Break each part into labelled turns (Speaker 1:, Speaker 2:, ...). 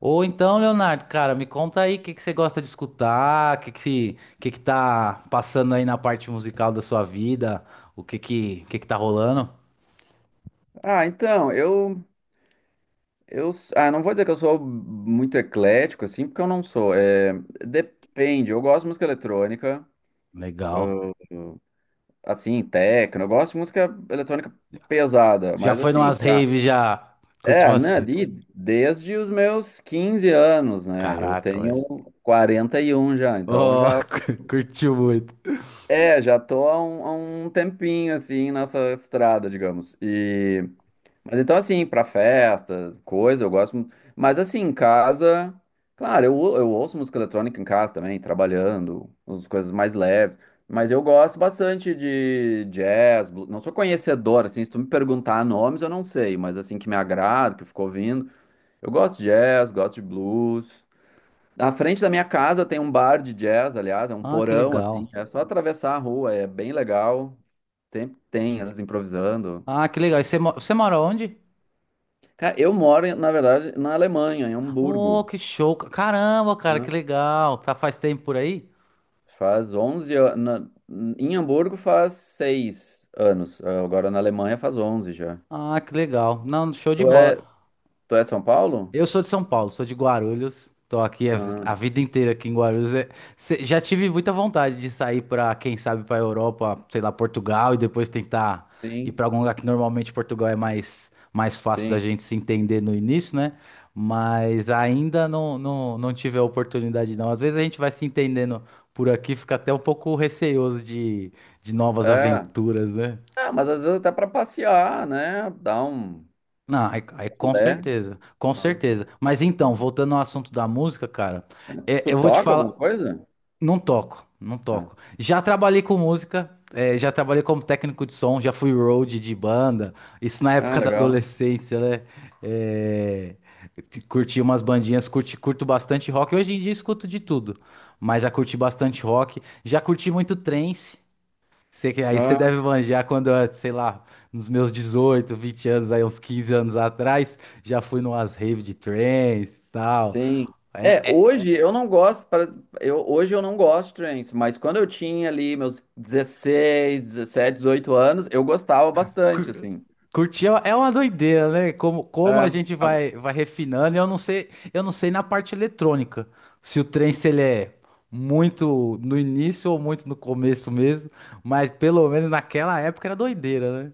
Speaker 1: Ou então, Leonardo, cara, me conta aí o que você gosta de escutar, que tá passando aí na parte musical da sua vida, que tá rolando?
Speaker 2: Ah, então, eu, não vou dizer que eu sou muito eclético, assim, porque eu não sou. Depende, eu gosto de música eletrônica,
Speaker 1: Legal.
Speaker 2: assim, techno, eu gosto de música eletrônica pesada,
Speaker 1: Já
Speaker 2: mas
Speaker 1: foi
Speaker 2: assim,
Speaker 1: numas raves, já. Curtiu umas raves.
Speaker 2: ali, desde os meus 15 anos, né, eu
Speaker 1: Caraca,
Speaker 2: tenho
Speaker 1: velho.
Speaker 2: 41 já,
Speaker 1: Oh, curtiu muito.
Speaker 2: já tô há um tempinho, assim, nessa estrada, digamos. Mas então, assim, pra festa, coisa, eu gosto. Mas, assim, em casa, claro, eu ouço música eletrônica em casa também, trabalhando, as coisas mais leves. Mas eu gosto bastante de jazz. Não sou conhecedor, assim, se tu me perguntar nomes, eu não sei, mas, assim, que me agrada, que eu fico ouvindo. Eu gosto de jazz, gosto de blues. Na frente da minha casa tem um bar de jazz, aliás, é um
Speaker 1: Ah, que
Speaker 2: porão, assim,
Speaker 1: legal.
Speaker 2: é só atravessar a rua, é bem legal. Sempre tem eles improvisando.
Speaker 1: Ah, que legal. E você, você mora onde?
Speaker 2: Cara, eu moro, na verdade, na Alemanha, em
Speaker 1: Oh,
Speaker 2: Hamburgo,
Speaker 1: que show. Caramba, cara, que
Speaker 2: né?
Speaker 1: legal. Tá faz tempo por aí?
Speaker 2: Faz 11 anos. Em Hamburgo faz 6 anos. Agora na Alemanha faz 11 já.
Speaker 1: Ah, que legal. Não, show de
Speaker 2: Tu Ah,
Speaker 1: bola.
Speaker 2: é, tu é de São Paulo?
Speaker 1: Eu sou de São Paulo, sou de Guarulhos. Tô aqui a
Speaker 2: Ah,
Speaker 1: vida inteira aqui em Guarulhos. É, já tive muita vontade de sair para, quem sabe, para Europa, sei lá, Portugal e depois tentar ir
Speaker 2: sim,
Speaker 1: para algum lugar que normalmente Portugal é mais mais fácil da
Speaker 2: sim.
Speaker 1: gente se entender no início, né? Mas ainda não, não tive a oportunidade, não. Às vezes a gente vai se entendendo por aqui, fica até um pouco receoso de, novas
Speaker 2: É.
Speaker 1: aventuras, né?
Speaker 2: Ah, mas às vezes até pra passear, né? Dar um.
Speaker 1: Não, aí com
Speaker 2: Né?
Speaker 1: certeza, com
Speaker 2: Ah.
Speaker 1: certeza. Mas então, voltando ao assunto da música, cara, é,
Speaker 2: Tu
Speaker 1: eu vou te
Speaker 2: toca alguma
Speaker 1: falar,
Speaker 2: coisa?
Speaker 1: não toco, não
Speaker 2: Ah,
Speaker 1: toco. Já trabalhei com música, é, já trabalhei como técnico de som, já fui road de banda, isso na
Speaker 2: ah,
Speaker 1: época da
Speaker 2: legal.
Speaker 1: adolescência, né? É, curti umas bandinhas, curto bastante rock. Hoje em dia escuto de tudo, mas já curti bastante rock, já curti muito trance. Você aí você deve
Speaker 2: Ah.
Speaker 1: manjar quando, eu, sei lá, nos meus 18, 20 anos, aí uns 15 anos atrás, já fui numas rave de trance e tal.
Speaker 2: Sim.
Speaker 1: É,
Speaker 2: É,
Speaker 1: é,
Speaker 2: hoje eu não gosto, para- eu, hoje eu não gosto de trance, mas quando eu tinha ali meus 16 17 18 anos, eu gostava bastante,
Speaker 1: cur-
Speaker 2: assim.
Speaker 1: curtir é uma doideira, né? Como a
Speaker 2: É.
Speaker 1: gente
Speaker 2: Agora.
Speaker 1: vai refinando, e eu não sei na parte eletrônica, se o trance ele é muito no início ou muito no começo mesmo, mas pelo menos naquela época era doideira, né?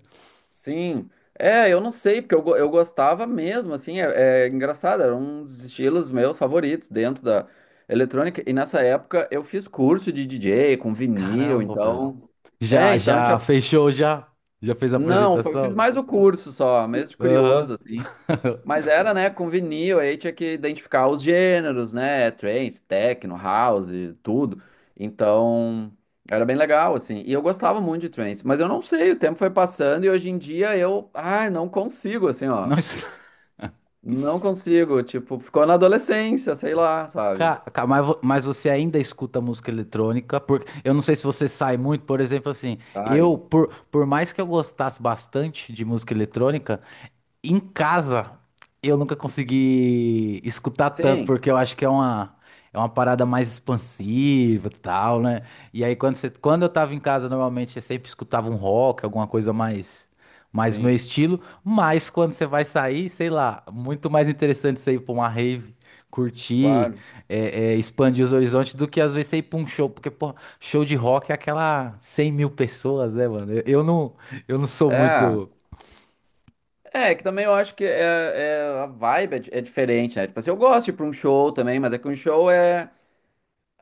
Speaker 2: Sim. É, eu não sei, eu gostava mesmo, assim, é engraçado, era um dos estilos meus favoritos dentro da eletrônica, e nessa época eu fiz curso de DJ com vinil,
Speaker 1: Caramba, Pedro.
Speaker 2: então... É, então... eu
Speaker 1: Já
Speaker 2: tinha-
Speaker 1: fechou, já? Já fez a
Speaker 2: Não, eu fiz
Speaker 1: apresentação?
Speaker 2: mais o curso só, mesmo de
Speaker 1: Aham.
Speaker 2: curioso. Mas era, né, com vinil, aí tinha que identificar os gêneros, né, trance, techno, house, tudo. Então, era bem legal, assim. E eu gostava muito de trance, mas eu não sei, o tempo foi passando e hoje em dia não consigo, assim, ó.
Speaker 1: Não.
Speaker 2: Não consigo, tipo, ficou na adolescência, sei lá, sabe?
Speaker 1: Mas você ainda escuta música eletrônica, porque eu não sei se você sai muito, por exemplo, assim,
Speaker 2: Ai,
Speaker 1: eu, por mais que eu gostasse bastante de música eletrônica, em casa eu nunca consegui escutar tanto,
Speaker 2: sim,
Speaker 1: porque eu acho que é uma, parada mais expansiva e tal, né? E aí quando eu tava em casa, normalmente eu sempre escutava um rock, alguma coisa mais o meu
Speaker 2: sim,
Speaker 1: estilo. Mas quando você vai sair, sei lá, muito mais interessante você ir pra uma rave, curtir,
Speaker 2: claro.
Speaker 1: expandir os horizontes do que às vezes você ir pra um show, porque, pô, show de rock é aquela 100 mil pessoas, né, mano? Eu não sou
Speaker 2: É,
Speaker 1: muito.
Speaker 2: é que também eu acho que a vibe é diferente, né? Tipo assim, eu gosto de ir pra um show também, mas é que um show é.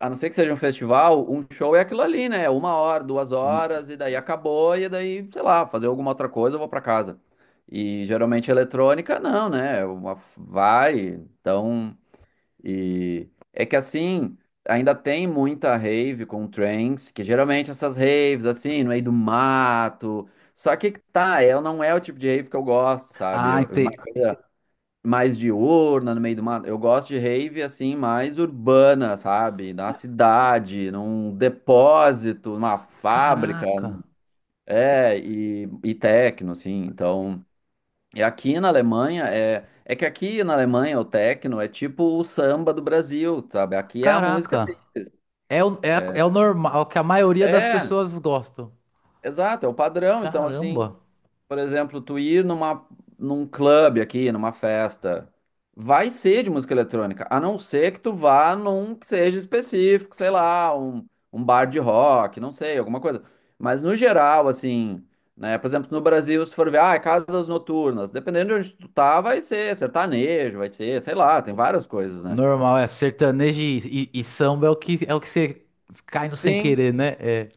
Speaker 2: A não ser que seja um festival, um show é aquilo ali, né? 1 hora, duas
Speaker 1: uma-
Speaker 2: horas, e daí acabou, e daí, sei lá, fazer alguma outra coisa, eu vou pra casa. E geralmente eletrônica, não, né? Uma, vai, então. E é que assim, ainda tem muita rave com trance, que geralmente essas raves, assim, no meio do mato. Só que tá, é, não é o tipo de rave que eu gosto, sabe?
Speaker 1: Ah,
Speaker 2: Uma
Speaker 1: entendi.
Speaker 2: coisa mais diurna, no meio do mato. Eu gosto de rave assim, mais urbana, sabe? Na cidade, num depósito, numa fábrica.
Speaker 1: Caraca,
Speaker 2: É, e techno, assim. Então, e aqui na Alemanha é. É que aqui na Alemanha o techno é tipo o samba do Brasil, sabe? Aqui é a música.
Speaker 1: caraca. É o,
Speaker 2: É,
Speaker 1: é o normal, é o que a maioria das
Speaker 2: é,
Speaker 1: pessoas gostam.
Speaker 2: exato, é o padrão. Então, assim,
Speaker 1: Caramba.
Speaker 2: por exemplo, tu ir numa, num clube aqui, numa festa, vai ser de música eletrônica, a não ser que tu vá num que seja específico, sei lá, um bar de rock, não sei, alguma coisa. Mas no geral, assim, né, por exemplo, no Brasil, se tu for ver, ah, é casas noturnas, dependendo de onde tu tá, vai ser sertanejo, vai ser, sei lá, tem várias coisas, né?
Speaker 1: Normal, é sertanejo e samba é o que você cai no sem
Speaker 2: Sim.
Speaker 1: querer, né? É.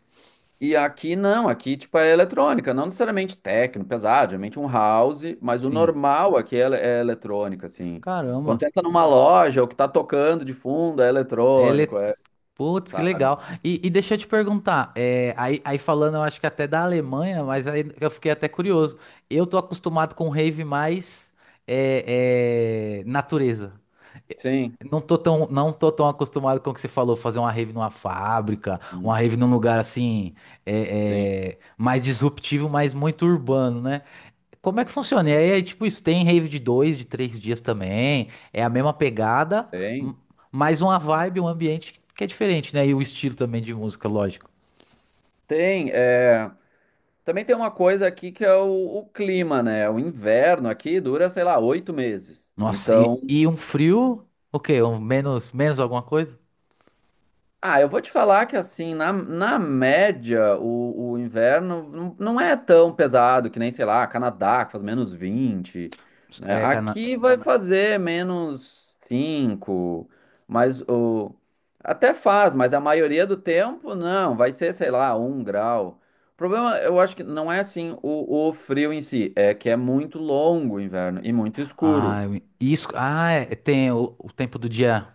Speaker 2: E aqui não, aqui tipo é eletrônica, não necessariamente techno, pesado, geralmente um house, mas o
Speaker 1: Sim.
Speaker 2: normal aqui é eletrônica, assim. Quando tu
Speaker 1: Caramba.
Speaker 2: entra numa loja, o que tá tocando de fundo é eletrônico,
Speaker 1: Ele...
Speaker 2: é,
Speaker 1: Putz, que
Speaker 2: sabe?
Speaker 1: legal. E deixa eu te perguntar, é, aí falando, eu acho que até da Alemanha, mas aí eu fiquei até curioso. Eu tô acostumado com rave mais natureza.
Speaker 2: Sim,
Speaker 1: Não tô tão acostumado com o que você falou, fazer uma rave numa fábrica, uma
Speaker 2: hum,
Speaker 1: rave num lugar assim,
Speaker 2: sim,
Speaker 1: mais disruptivo, mas muito urbano, né? Como é que funciona? E aí, é tipo, isso tem rave de 2, de 3 dias também. É a mesma pegada, m-
Speaker 2: tem.
Speaker 1: mas uma vibe, um ambiente que é diferente, né? E o estilo também de música, lógico.
Speaker 2: Tem, é... Também tem uma coisa aqui que é o clima, né? O inverno aqui dura, sei lá, 8 meses.
Speaker 1: Nossa,
Speaker 2: Então,
Speaker 1: e um frio? O quê? Um menos, alguma coisa?
Speaker 2: ah, eu vou te falar que assim, na média, o inverno não é tão pesado que nem, sei lá, Canadá, que faz -20, né?
Speaker 1: É,
Speaker 2: Aqui vai fazer -5, mas o... até faz, mas a maioria do tempo não, vai ser, sei lá, 1 grau. O problema, eu acho que não é assim o frio em si, é que é muito longo o inverno e muito
Speaker 1: ah,
Speaker 2: escuro.
Speaker 1: isso. Ah, é, tem o tempo do dia.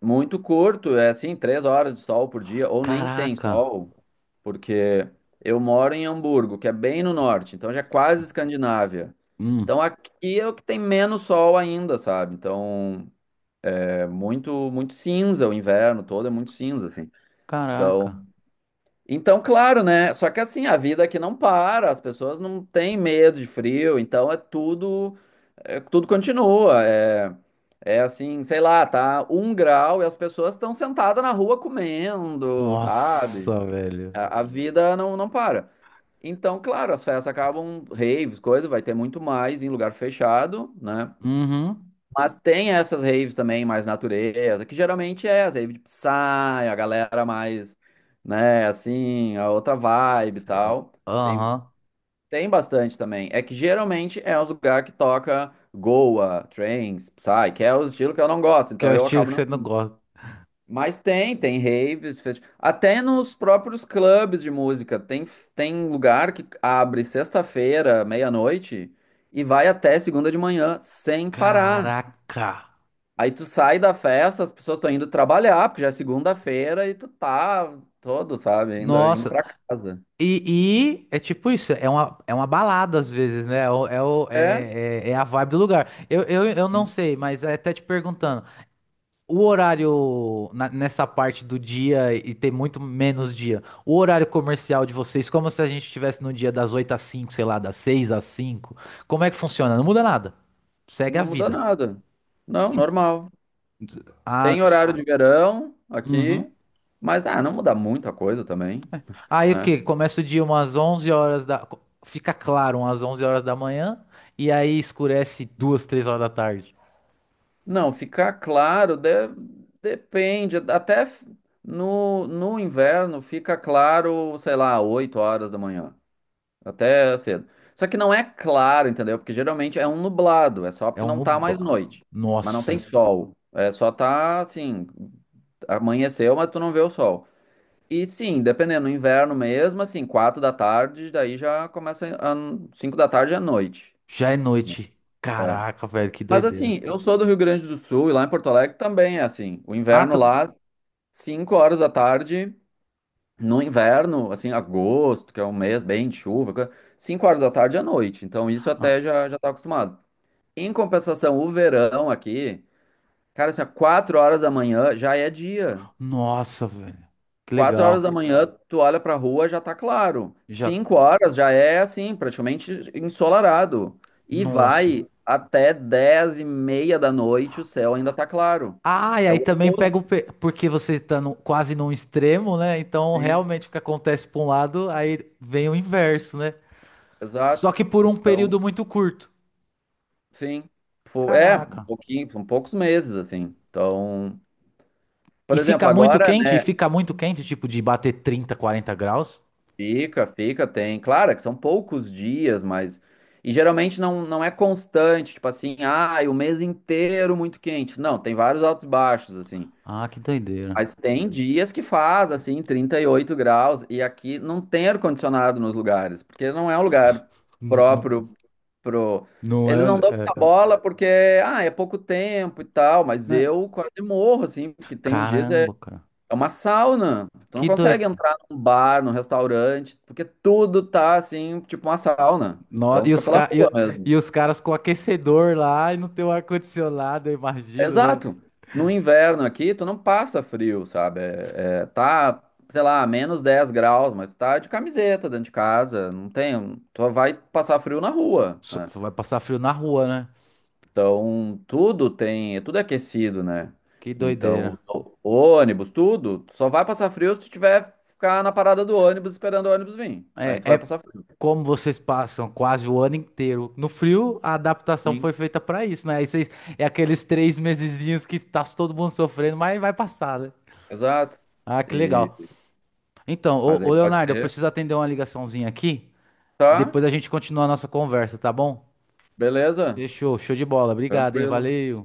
Speaker 2: Muito curto, é assim, 3 horas de sol por dia, ou nem tem
Speaker 1: Caraca.
Speaker 2: sol, porque eu moro em Hamburgo, que é bem no norte, então já é quase Escandinávia. Então
Speaker 1: Hum,
Speaker 2: aqui é o que tem menos sol ainda, sabe? Então é muito, muito cinza, o inverno todo é muito cinza, assim. Então,
Speaker 1: caraca.
Speaker 2: então, claro, né? Só que assim, a vida aqui não para, as pessoas não têm medo de frio, então é, tudo continua. É, é assim, sei lá, tá 1 grau e as pessoas estão sentadas na rua comendo, sabe?
Speaker 1: Nossa, velho.
Speaker 2: A vida não, não para. Então, claro, as festas acabam, raves, coisa, vai ter muito mais em lugar fechado, né?
Speaker 1: Uhum.
Speaker 2: Mas tem essas raves também, mais natureza, que geralmente é as raves de Psy, a galera mais, né, assim, a outra vibe e tal. Tem,
Speaker 1: Aham.
Speaker 2: tem bastante também. É que geralmente é os lugares que toca. Goa, Trance, Psy, que é o estilo que eu não gosto,
Speaker 1: Que é
Speaker 2: então
Speaker 1: o
Speaker 2: eu
Speaker 1: estilo
Speaker 2: acabo.
Speaker 1: que você não gosta.
Speaker 2: Mas tem, tem até nos próprios clubes de música. Tem, tem lugar que abre sexta-feira, meia-noite, e vai até segunda de manhã, sem parar.
Speaker 1: Caraca.
Speaker 2: Aí tu sai da festa, as pessoas estão indo trabalhar, porque já é segunda-feira, e tu tá todo, sabe, ainda indo
Speaker 1: Nossa,
Speaker 2: pra casa.
Speaker 1: e é tipo isso, é uma, balada às vezes, né? É,
Speaker 2: É,
Speaker 1: é a vibe do lugar. Eu não
Speaker 2: sim,
Speaker 1: sei, mas é até te perguntando, o horário nessa parte do dia e ter muito menos dia, o horário comercial de vocês, como se a gente estivesse no dia das 8 às 5, sei lá, das 6 às 5, como é que funciona? Não muda nada, segue a
Speaker 2: não muda
Speaker 1: vida.
Speaker 2: nada. Não,
Speaker 1: Sim.
Speaker 2: normal.
Speaker 1: Ah,
Speaker 2: Tem horário de verão
Speaker 1: uhum.
Speaker 2: aqui, mas ah, não muda muita coisa também,
Speaker 1: Aí o
Speaker 2: né?
Speaker 1: quê? Começa o dia umas 11 horas Fica claro umas 11 horas da manhã. E aí escurece 2, 3 horas da tarde.
Speaker 2: Não, ficar claro de- depende. No, no inverno fica claro, sei lá, 8 horas da manhã, até cedo. Só que não é claro, entendeu? Porque geralmente é um nublado, é só
Speaker 1: É
Speaker 2: porque
Speaker 1: um
Speaker 2: não tá mais
Speaker 1: nubla.
Speaker 2: noite, mas não tem,
Speaker 1: Nossa,
Speaker 2: uhum, sol. É só tá assim, amanheceu, mas tu não vê o sol. E sim, dependendo, no inverno mesmo, assim, 4 da tarde, daí já começa a 5 da tarde à noite.
Speaker 1: já é noite.
Speaker 2: É.
Speaker 1: Caraca, velho, que
Speaker 2: Mas
Speaker 1: doideira.
Speaker 2: assim, eu sou do Rio Grande do Sul e lá em Porto Alegre também é assim. O
Speaker 1: Ah,
Speaker 2: inverno lá, 5 horas da tarde, no inverno, assim, agosto, que é um mês bem de chuva, coisa- 5 horas da tarde é noite. Então isso
Speaker 1: ah,
Speaker 2: até já, já tá acostumado. Em compensação, o verão aqui, cara, assim, ó, 4 horas da manhã já é dia.
Speaker 1: nossa, velho. Que
Speaker 2: Quatro horas da
Speaker 1: legal.
Speaker 2: manhã, tu olha pra rua, já tá claro.
Speaker 1: Já.
Speaker 2: 5 horas já é assim, praticamente ensolarado. E
Speaker 1: Nossa.
Speaker 2: vai até 22:30, o céu ainda tá claro.
Speaker 1: Ah, e
Speaker 2: É
Speaker 1: aí
Speaker 2: o
Speaker 1: também
Speaker 2: oposto,
Speaker 1: porque você quase num extremo, né? Então
Speaker 2: sim.
Speaker 1: realmente o que acontece pra um lado, aí vem o inverso, né? Só
Speaker 2: Exato.
Speaker 1: que por um
Speaker 2: Então,
Speaker 1: período muito curto.
Speaker 2: sim. É, um
Speaker 1: Caraca.
Speaker 2: pouquinho, são poucos meses, assim. Então,
Speaker 1: E
Speaker 2: por exemplo,
Speaker 1: fica muito
Speaker 2: agora,
Speaker 1: quente? E
Speaker 2: né?
Speaker 1: fica muito quente, tipo de bater 30, 40 graus?
Speaker 2: Fica, fica, tem. Claro é que são poucos dias, mas. E geralmente não, não é constante, tipo assim, ah, o mês inteiro muito quente. Não, tem vários altos e baixos, assim.
Speaker 1: Ah, que doideira.
Speaker 2: Mas tem dias que faz, assim, 38 graus, e aqui não tem ar-condicionado nos lugares, porque não é um lugar
Speaker 1: Não, não,
Speaker 2: próprio pro.
Speaker 1: não
Speaker 2: Eles
Speaker 1: é,
Speaker 2: não dão muita
Speaker 1: é-
Speaker 2: bola porque, ah, é pouco tempo e tal, mas
Speaker 1: né?
Speaker 2: eu quase morro, assim, porque tem uns dias
Speaker 1: Caramba, cara.
Speaker 2: é uma sauna. Tu não
Speaker 1: Que
Speaker 2: consegue
Speaker 1: doido.
Speaker 2: entrar num bar, num restaurante, porque tudo tá assim, tipo uma sauna.
Speaker 1: No-
Speaker 2: Então
Speaker 1: e,
Speaker 2: fica
Speaker 1: os
Speaker 2: pela
Speaker 1: ca-
Speaker 2: rua
Speaker 1: e-
Speaker 2: mesmo.
Speaker 1: e os caras com aquecedor lá e não tem o ar-condicionado, eu imagino, né?
Speaker 2: Exato. No inverno aqui, tu não passa frio, sabe? É, tá, sei lá, -10 graus, mas tá de camiseta dentro de casa. Não tem. Tu vai passar frio na rua, né?
Speaker 1: Vai passar frio na rua, né?
Speaker 2: Então tudo tem. Tudo é aquecido, né?
Speaker 1: Que doideira.
Speaker 2: Então, ônibus, tudo, tu só vai passar frio se tu tiver ficar na parada do ônibus esperando o ônibus vir. Aí tu
Speaker 1: É,
Speaker 2: vai
Speaker 1: é
Speaker 2: passar frio.
Speaker 1: como vocês passam quase o ano inteiro no frio, a adaptação
Speaker 2: Sim,
Speaker 1: foi feita pra isso, né? Aí vocês, é aqueles três mesezinhos que tá todo mundo sofrendo, mas vai passar, né?
Speaker 2: exato.
Speaker 1: Ah, que
Speaker 2: E,
Speaker 1: legal. Então, ô,
Speaker 2: mas aí
Speaker 1: ô
Speaker 2: pode
Speaker 1: Leonardo, eu
Speaker 2: ser.
Speaker 1: preciso atender uma ligaçãozinha aqui e
Speaker 2: Tá,
Speaker 1: depois a gente continua a nossa conversa, tá bom?
Speaker 2: beleza.
Speaker 1: Fechou, show de bola. Obrigado, hein?
Speaker 2: Tranquilo.
Speaker 1: Valeu.